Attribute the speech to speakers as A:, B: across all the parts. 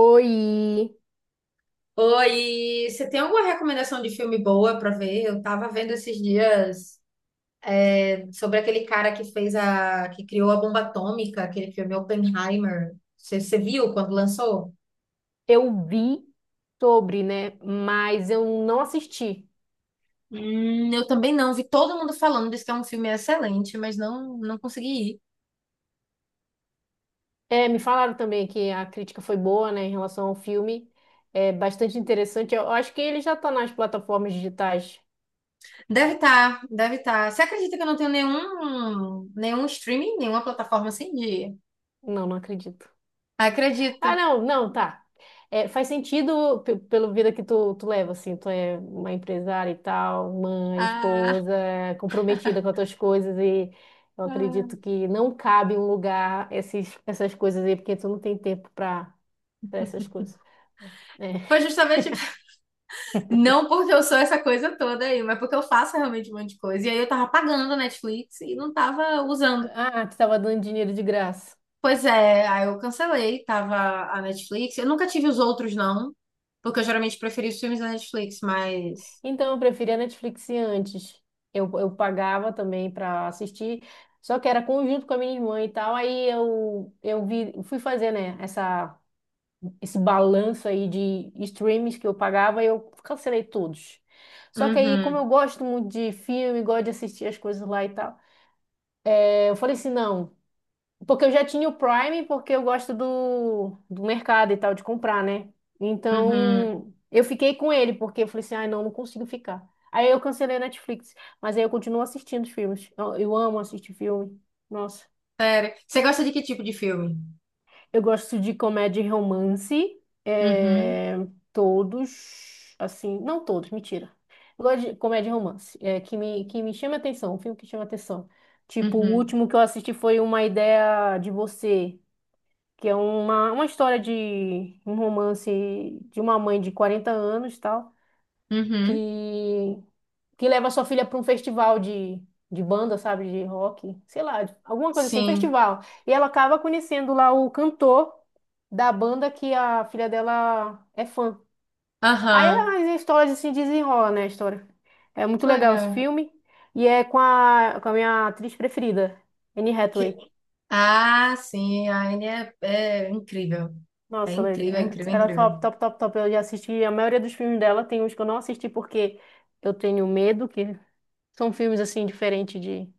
A: Oi,
B: Oi, você tem alguma recomendação de filme boa pra ver? Eu tava vendo esses dias sobre aquele cara que fez que criou a bomba atômica, aquele filme Oppenheimer. Você viu quando lançou?
A: eu vi sobre, né? Mas eu não assisti.
B: Eu também não, vi todo mundo falando, disse que é um filme excelente, mas não consegui ir.
A: É, me falaram também que a crítica foi boa, né, em relação ao filme. É bastante interessante. Eu acho que ele já tá nas plataformas digitais.
B: Deve estar, deve estar. Você acredita que eu não tenho nenhum streaming, nenhuma plataforma assim de?
A: Não, não acredito.
B: Acredita.
A: Ah, não, não, tá. É, faz sentido pelo vida que tu leva, assim. Tu é uma empresária e tal, mãe,
B: Ah,
A: esposa, comprometida com as tuas coisas e eu acredito
B: ah.
A: que não cabe em um lugar essas coisas aí, porque tu não tem tempo pra para essas coisas. É.
B: Foi justamente. Não porque eu sou essa coisa toda aí, mas porque eu faço realmente um monte de coisa. E aí eu tava pagando a Netflix e não tava usando.
A: Ah, tu estava dando dinheiro de graça.
B: Pois é, aí eu cancelei, tava a Netflix. Eu nunca tive os outros, não, porque eu geralmente preferi os filmes da Netflix, mas.
A: Então eu preferia Netflix antes. Eu pagava também para assistir, só que era conjunto com a minha irmã e tal. Aí eu vi, fui fazer, né, esse balanço aí de streams que eu pagava e eu cancelei todos. Só que aí, como eu
B: Uhum,
A: gosto muito de filme, gosto de assistir as coisas lá e tal, é, eu falei assim: não. Porque eu já tinha o Prime, porque eu gosto do mercado e tal, de comprar, né?
B: uhum.
A: Então, eu fiquei com ele, porque eu falei assim, ai, não, não consigo ficar. Aí eu cancelei a Netflix, mas aí eu continuo assistindo os filmes. Eu amo assistir filme. Nossa.
B: Sério. Você gosta de que tipo de filme?
A: Eu gosto de comédia e romance.
B: Uhum,
A: É, todos, assim, não todos, mentira. Eu gosto de comédia e romance, é, que me chama atenção, um filme que chama atenção. Tipo, o
B: uhum,
A: último que eu assisti foi Uma Ideia de Você. Que é uma história de um romance de uma mãe de 40 anos, tal,
B: uhum.
A: que que leva sua filha para um festival de banda, sabe, de rock, sei lá, alguma coisa assim,
B: Sim.
A: festival. E ela acaba conhecendo lá o cantor da banda que a filha dela é fã. Aí
B: Aham.
A: as histórias se desenrolam, né, a história. É muito
B: Que
A: legal esse
B: legal.
A: filme e é com a minha atriz preferida, Anne
B: Que-
A: Hathaway.
B: Ah, sim, a Anne é incrível. É
A: Nossa, ela,
B: incrível,
A: ela
B: incrível,
A: ela é top,
B: incrível.
A: top, top, top. Eu já assisti a maioria dos filmes dela. Tem uns que eu não assisti porque eu tenho medo, que são filmes assim, diferentes de.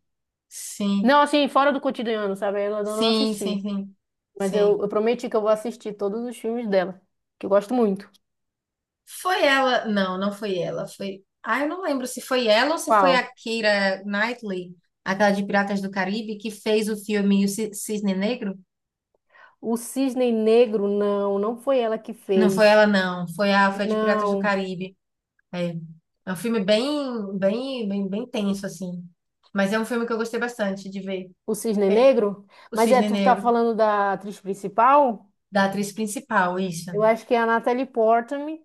B: Sim.
A: Não, assim, fora do cotidiano, sabe? Eu não
B: Sim, sim,
A: assisti.
B: sim.
A: Mas eu,
B: Sim.
A: eu prometi que eu vou assistir todos os filmes dela, que eu gosto muito.
B: Foi ela. Não, não foi ela. Foi. Ah, eu não lembro se foi ela ou se foi a
A: Qual?
B: Keira Knightley, aquela de Piratas do Caribe, que fez o filme Cisne Negro.
A: O Cisne Negro, não, não foi ela que
B: Não foi
A: fez.
B: ela, não. Foi foi a de Piratas do
A: Não.
B: Caribe. É. É um filme bem, bem, bem, bem tenso, assim. Mas é um filme que eu gostei bastante de ver.
A: O Cisne
B: É,
A: Negro?
B: o
A: Mas é,
B: Cisne
A: tu tá
B: Negro,
A: falando da atriz principal?
B: da atriz principal, isso.
A: Eu acho que é a Natalie Portman.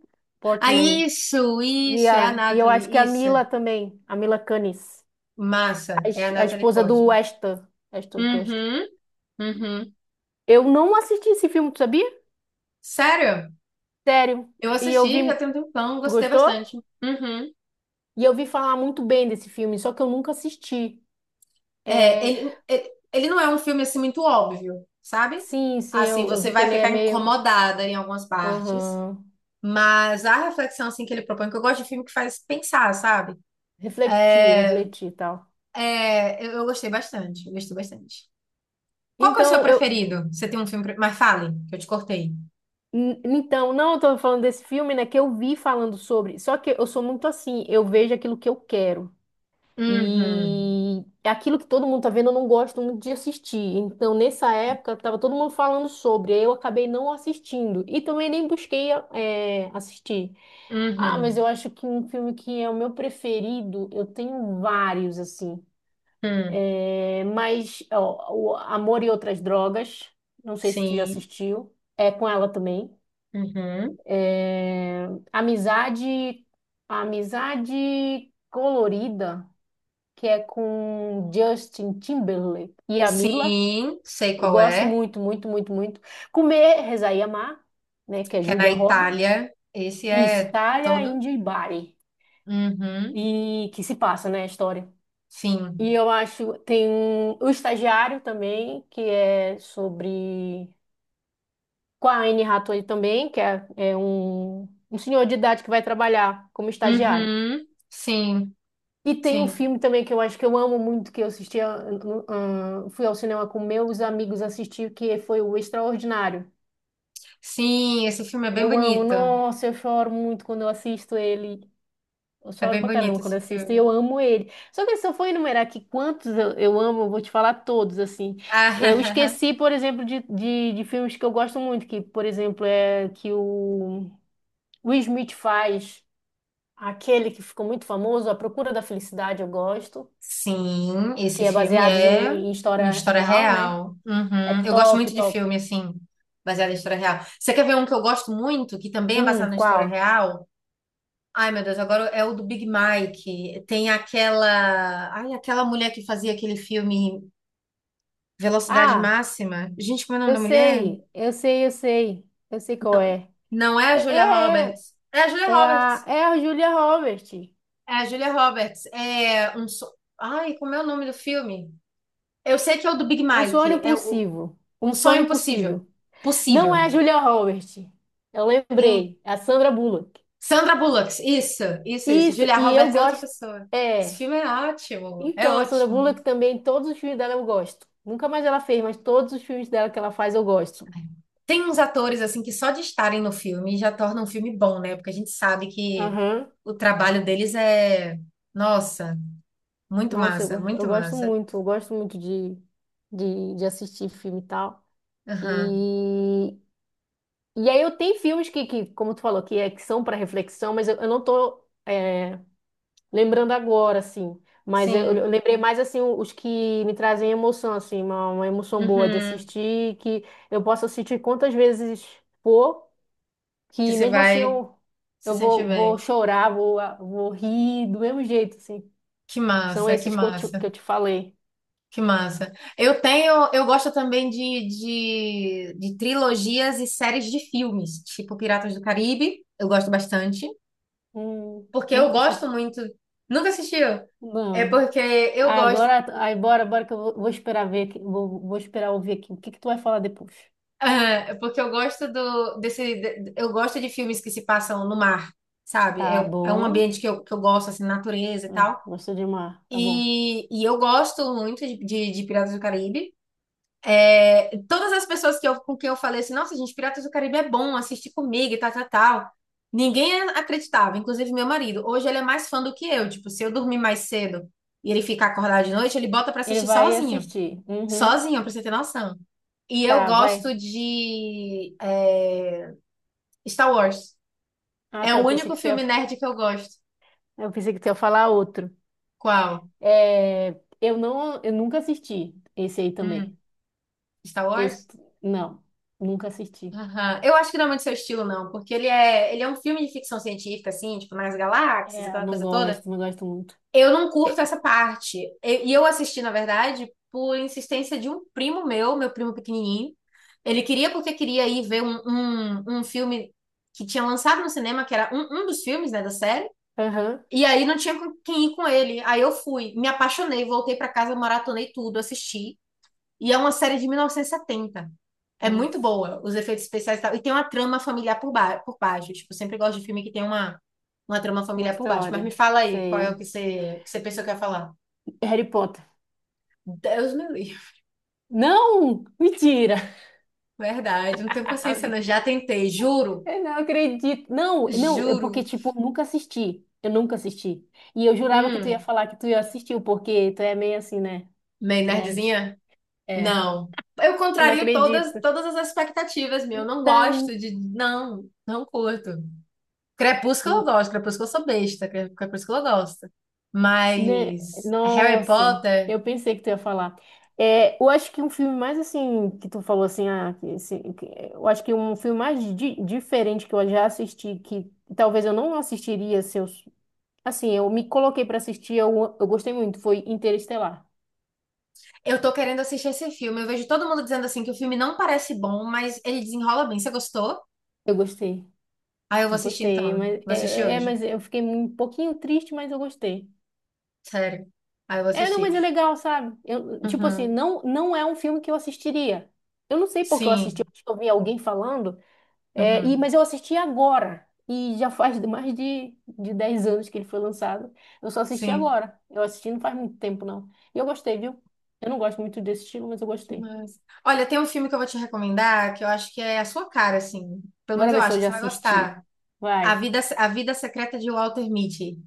B: Ah,
A: Portman.
B: isso,
A: E,
B: isso, é a
A: a, e eu acho que
B: Natalie,
A: a
B: isso.
A: Mila também, a Mila Kunis,
B: Massa, é a
A: a
B: Natalie
A: esposa do
B: Portman.
A: Ashton, Ashton Kutcher.
B: Uhum. Uhum.
A: Eu não assisti esse filme, tu sabia?
B: Sério?
A: Sério.
B: Eu
A: E eu
B: assisti já
A: vi.
B: tem um tempão,
A: Tu
B: gostei
A: gostou?
B: bastante. Uhum.
A: E eu vi falar muito bem desse filme, só que eu nunca assisti.
B: É,
A: É,
B: ele não é um filme assim muito óbvio, sabe?
A: sim, sim,
B: Assim,
A: eu
B: você
A: vi que
B: vai
A: ele é
B: ficar
A: meio.
B: incomodada em algumas partes,
A: Aham.
B: mas a reflexão assim que ele propõe, que eu gosto de filme que faz pensar, sabe?
A: Refletir, refletir e tal.
B: É, eu gostei bastante, eu gostei bastante. Qual que é o seu
A: Então, eu.
B: preferido? Você tem um filme, mas fale, que eu te cortei.
A: Então, não, eu tô falando desse filme, né? Que eu vi falando sobre. Só que eu sou muito assim, eu vejo aquilo que eu quero.
B: Uhum.
A: E é aquilo que todo mundo tá vendo, eu não gosto muito de assistir. Então, nessa época, tava todo mundo falando sobre, aí eu acabei não assistindo. E também nem busquei assistir. Ah, mas eu
B: Uhum.
A: acho que um filme que é o meu preferido, eu tenho vários, assim.
B: Hum.
A: Mas, ó, o Amor e Outras Drogas, não sei se tu já
B: Sim.
A: assistiu, é com ela também.
B: Uhum.
A: Eh, Amizade, Amizade Colorida que é com Justin Timberlake e a Mila.
B: Sim, sei
A: Eu
B: qual
A: gosto
B: é.
A: muito, muito, muito, muito. Comer, Rezar e Amar, né, que é
B: Que é na
A: Julia
B: Itália.
A: Roberts.
B: Esse
A: Isso,
B: é
A: Thalia,
B: todo?
A: Índio e Bari.
B: Uhum,
A: E que se passa, né, a história. E
B: sim.
A: eu acho, o Estagiário também, que é sobre... Com a Anne Hathaway também, que é, é um senhor de idade que vai trabalhar como estagiário.
B: Uhum, sim,
A: E tem um
B: sim.
A: filme também que eu acho que eu amo muito, que eu assisti, fui ao cinema com meus amigos assistir, que foi o Extraordinário.
B: Sim, esse filme é bem
A: Eu amo,
B: bonito.
A: nossa, eu choro muito quando eu assisto ele. Eu
B: É
A: choro
B: bem
A: pra caramba
B: bonito
A: quando
B: esse
A: assisto, e
B: filme.
A: eu amo ele. Só que se eu for enumerar aqui quantos eu amo, eu vou te falar todos, assim. Eu
B: Ah,
A: esqueci, por exemplo, de filmes que eu gosto muito, que, por exemplo, é que o Will Smith faz, aquele que ficou muito famoso, A Procura da Felicidade, eu gosto.
B: sim, esse
A: Que é
B: filme
A: baseado
B: é
A: em
B: uma
A: história
B: história
A: real, né?
B: real.
A: É
B: Uhum. Eu gosto
A: top,
B: muito de
A: top.
B: filme, assim, baseado em história real. Você quer ver um que eu gosto muito, que também é baseado na história
A: Qual?
B: real? Ai, meu Deus, agora é o do Big Mike. Tem aquela, ai, aquela mulher que fazia aquele filme Velocidade
A: Ah,
B: Máxima. Gente, como é o nome da mulher?
A: eu sei qual é.
B: Não é a
A: É,
B: Julia
A: é, é
B: Roberts. É a Julia
A: É a,
B: Roberts.
A: é a Julia Roberts.
B: É a Julia Roberts. É um so... Ai, como é o nome do filme? Eu sei que é o do Big
A: Um
B: Mike.
A: sonho
B: É o...
A: possível.
B: Um
A: Um
B: Sonho
A: sonho
B: Impossível.
A: possível. Não
B: Possível.
A: é a Julia Roberts. Eu
B: Quem?
A: lembrei, é a Sandra Bullock.
B: Sandra Bullock. Isso, isso, isso.
A: Isso,
B: Julia
A: e eu
B: Roberts é outra
A: gosto.
B: pessoa. Esse
A: É.
B: filme é ótimo. É
A: Então, a Sandra
B: ótimo.
A: Bullock também, todos os filmes dela eu gosto. Nunca mais ela fez, mas todos os filmes dela que ela faz eu gosto.
B: Tem uns atores, assim, que só de estarem no filme já tornam um filme bom, né? Porque a gente sabe que
A: Aham.
B: o trabalho deles é... Nossa, muito
A: Nossa,
B: massa, muito massa.
A: eu gosto muito de, de assistir filme e tal.
B: Aham,
A: E, e aí eu tenho filmes que como tu falou, que, é, que são para reflexão, mas eu não tô lembrando agora, assim. Mas eu
B: sim.
A: lembrei mais, assim, os que me trazem emoção, assim, uma emoção boa de
B: Uhum.
A: assistir, que eu posso assistir quantas vezes for,
B: Que
A: que
B: você
A: mesmo assim
B: vai se
A: eu
B: sentir
A: vou, vou
B: bem.
A: chorar, vou, vou rir do mesmo jeito, assim.
B: Que
A: São
B: massa, que
A: esses que
B: massa,
A: que eu te falei.
B: que massa. Eu tenho, eu gosto também de trilogias e séries de filmes, tipo Piratas do Caribe, eu gosto bastante, porque eu
A: Nunca
B: gosto
A: assisti.
B: muito. Nunca assistiu? É
A: Não.
B: porque eu gosto,
A: Agora, bora que vou esperar ver aqui, vou esperar ouvir aqui o que que tu vai falar depois.
B: é porque eu gosto eu gosto de filmes que se passam no mar, sabe?
A: Tá
B: É um
A: bom.
B: ambiente que eu gosto, assim, natureza e tal.
A: Gostou de mar, tá bom.
B: E eu gosto muito de Piratas do Caribe. É, todas as pessoas com quem eu falei assim, nossa, gente, Piratas do Caribe é bom, assiste comigo e tal, tal, tal. Ninguém acreditava, inclusive meu marido. Hoje ele é mais fã do que eu. Tipo, se eu dormir mais cedo e ele ficar acordado de noite, ele bota pra
A: Ele
B: assistir
A: vai
B: sozinho.
A: assistir. Uhum.
B: Sozinho, pra você ter noção. E eu
A: Tá, vai.
B: gosto Star Wars.
A: Ah,
B: É
A: tá,
B: o único filme nerd que eu gosto.
A: eu pensei que tu ia falar outro.
B: Qual?
A: É, eu nunca assisti esse aí também.
B: Hum, Star Wars?
A: Não, nunca assisti.
B: Aham. Eu acho que não é muito seu estilo, não, porque ele é um filme de ficção científica, assim, tipo, nas galáxias,
A: É, eu
B: aquela
A: não
B: coisa toda.
A: gosto, não gosto muito.
B: Eu não curto
A: É.
B: essa parte. E eu assisti, na verdade, por insistência de um primo meu, meu primo pequenininho. Ele queria porque queria ir ver um filme que tinha lançado no cinema, que era um dos filmes, né, da série.
A: Aham.
B: E aí não tinha com quem ir com ele. Aí eu fui, me apaixonei, voltei pra casa, maratonei tudo, assisti. E é uma série de 1970. É muito
A: Nossa,
B: boa, os efeitos especiais e tal. E tem uma trama familiar por baixo. Tipo, eu sempre gosto de filme que tem uma trama
A: uma
B: familiar por baixo. Mas
A: história.
B: me fala aí, qual é o
A: Sei.
B: que você pensou que ia falar?
A: Harry Potter.
B: Deus me livre.
A: Não, mentira.
B: Verdade, não tenho paciência, não. Já tentei, juro.
A: Eu não acredito. Não, não, é
B: Juro.
A: porque tipo, eu nunca assisti. Eu nunca assisti. E eu jurava que
B: Hum,
A: tu ia assistir, porque tu é meio assim, né?
B: meio
A: Nerd.
B: nerdzinha?
A: É.
B: Não. Eu
A: Eu não
B: contrario
A: acredito.
B: todas as expectativas, meu. Eu não
A: Tam,
B: gosto de. Não, não curto. Crepúsculo eu gosto, Crepúsculo eu sou besta, Crepúsculo eu gosto.
A: né?
B: Mas Harry
A: Nossa,
B: Potter,
A: eu pensei que tu ia falar. É, eu acho que um filme mais assim, que tu falou assim, ah, que, eu acho que um filme mais diferente que eu já assisti, que talvez eu não assistiria se eu assim, eu me coloquei pra assistir, eu gostei muito, foi Interestelar.
B: eu tô querendo assistir esse filme. Eu vejo todo mundo dizendo assim que o filme não parece bom, mas ele desenrola bem. Você gostou?
A: Eu gostei,
B: Aí eu vou
A: eu
B: assistir
A: gostei,
B: então.
A: mas
B: Vou assistir hoje.
A: mas eu fiquei um pouquinho triste, mas eu gostei.
B: Sério. Aí eu vou
A: É, não, mas
B: assistir.
A: é legal, sabe? Eu, tipo assim,
B: Uhum.
A: não é um filme que eu assistiria. Eu não sei porque eu assisti,
B: Sim.
A: eu acho que eu vi alguém falando,
B: Uhum.
A: mas eu assisti agora. E já faz mais de 10 anos que ele foi lançado. Eu só assisti
B: Sim.
A: agora. Eu assisti não faz muito tempo, não. E eu gostei, viu? Eu não gosto muito desse estilo, mas eu
B: Que
A: gostei.
B: massa. Olha, tem um filme que eu vou te recomendar que eu acho que é a sua cara, assim. Pelo menos
A: Bora
B: eu
A: ver se
B: acho
A: eu
B: que
A: já
B: você vai
A: assisti.
B: gostar. A
A: Vai.
B: Vida, a Vida Secreta de Walter Mitty.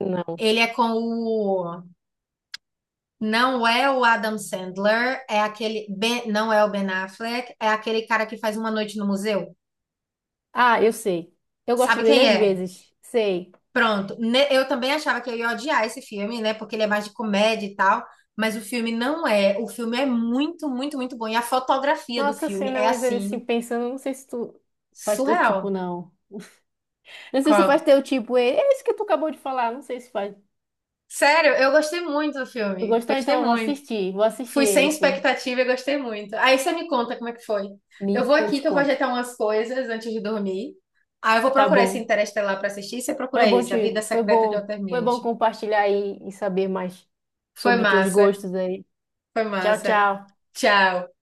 A: Não.
B: Ele é com o. Não é o Adam Sandler, é aquele não é o Ben Affleck, é aquele cara que faz Uma Noite no Museu.
A: Ah, eu sei. Eu gosto
B: Sabe
A: dele
B: quem
A: às
B: é?
A: vezes. Sei.
B: Pronto. Eu também achava que eu ia odiar esse filme, né? Porque ele é mais de comédia e tal, mas o filme não é. O filme é muito, muito, muito bom. E a fotografia do
A: Nossa, assim,
B: filme é
A: não, mas
B: assim,
A: assim, pensando, não sei se tu faz teu tipo,
B: surreal.
A: não. Não sei se faz
B: Qual?
A: teu tipo. Ele. É isso que tu acabou de falar, não sei se faz.
B: Sério, eu gostei muito do
A: Tu
B: filme.
A: gostou,
B: Gostei
A: então eu vou
B: muito.
A: assistir. Vou assistir
B: Fui
A: ele,
B: sem
A: sim.
B: expectativa e gostei muito. Aí você me conta como é que foi. Eu vou
A: Eu
B: aqui
A: te
B: que eu vou
A: conto.
B: ajeitar umas coisas antes de dormir. Aí eu vou
A: Tá
B: procurar esse
A: bom.
B: Interestelar para assistir. Você
A: Foi
B: procura
A: bom
B: esse, A
A: te...
B: Vida
A: Foi
B: Secreta de
A: bom.
B: Walter
A: Foi bom
B: Mitty.
A: compartilhar e saber mais
B: Foi
A: sobre os teus
B: massa,
A: gostos aí.
B: foi
A: Tchau,
B: massa.
A: tchau.
B: Tchau.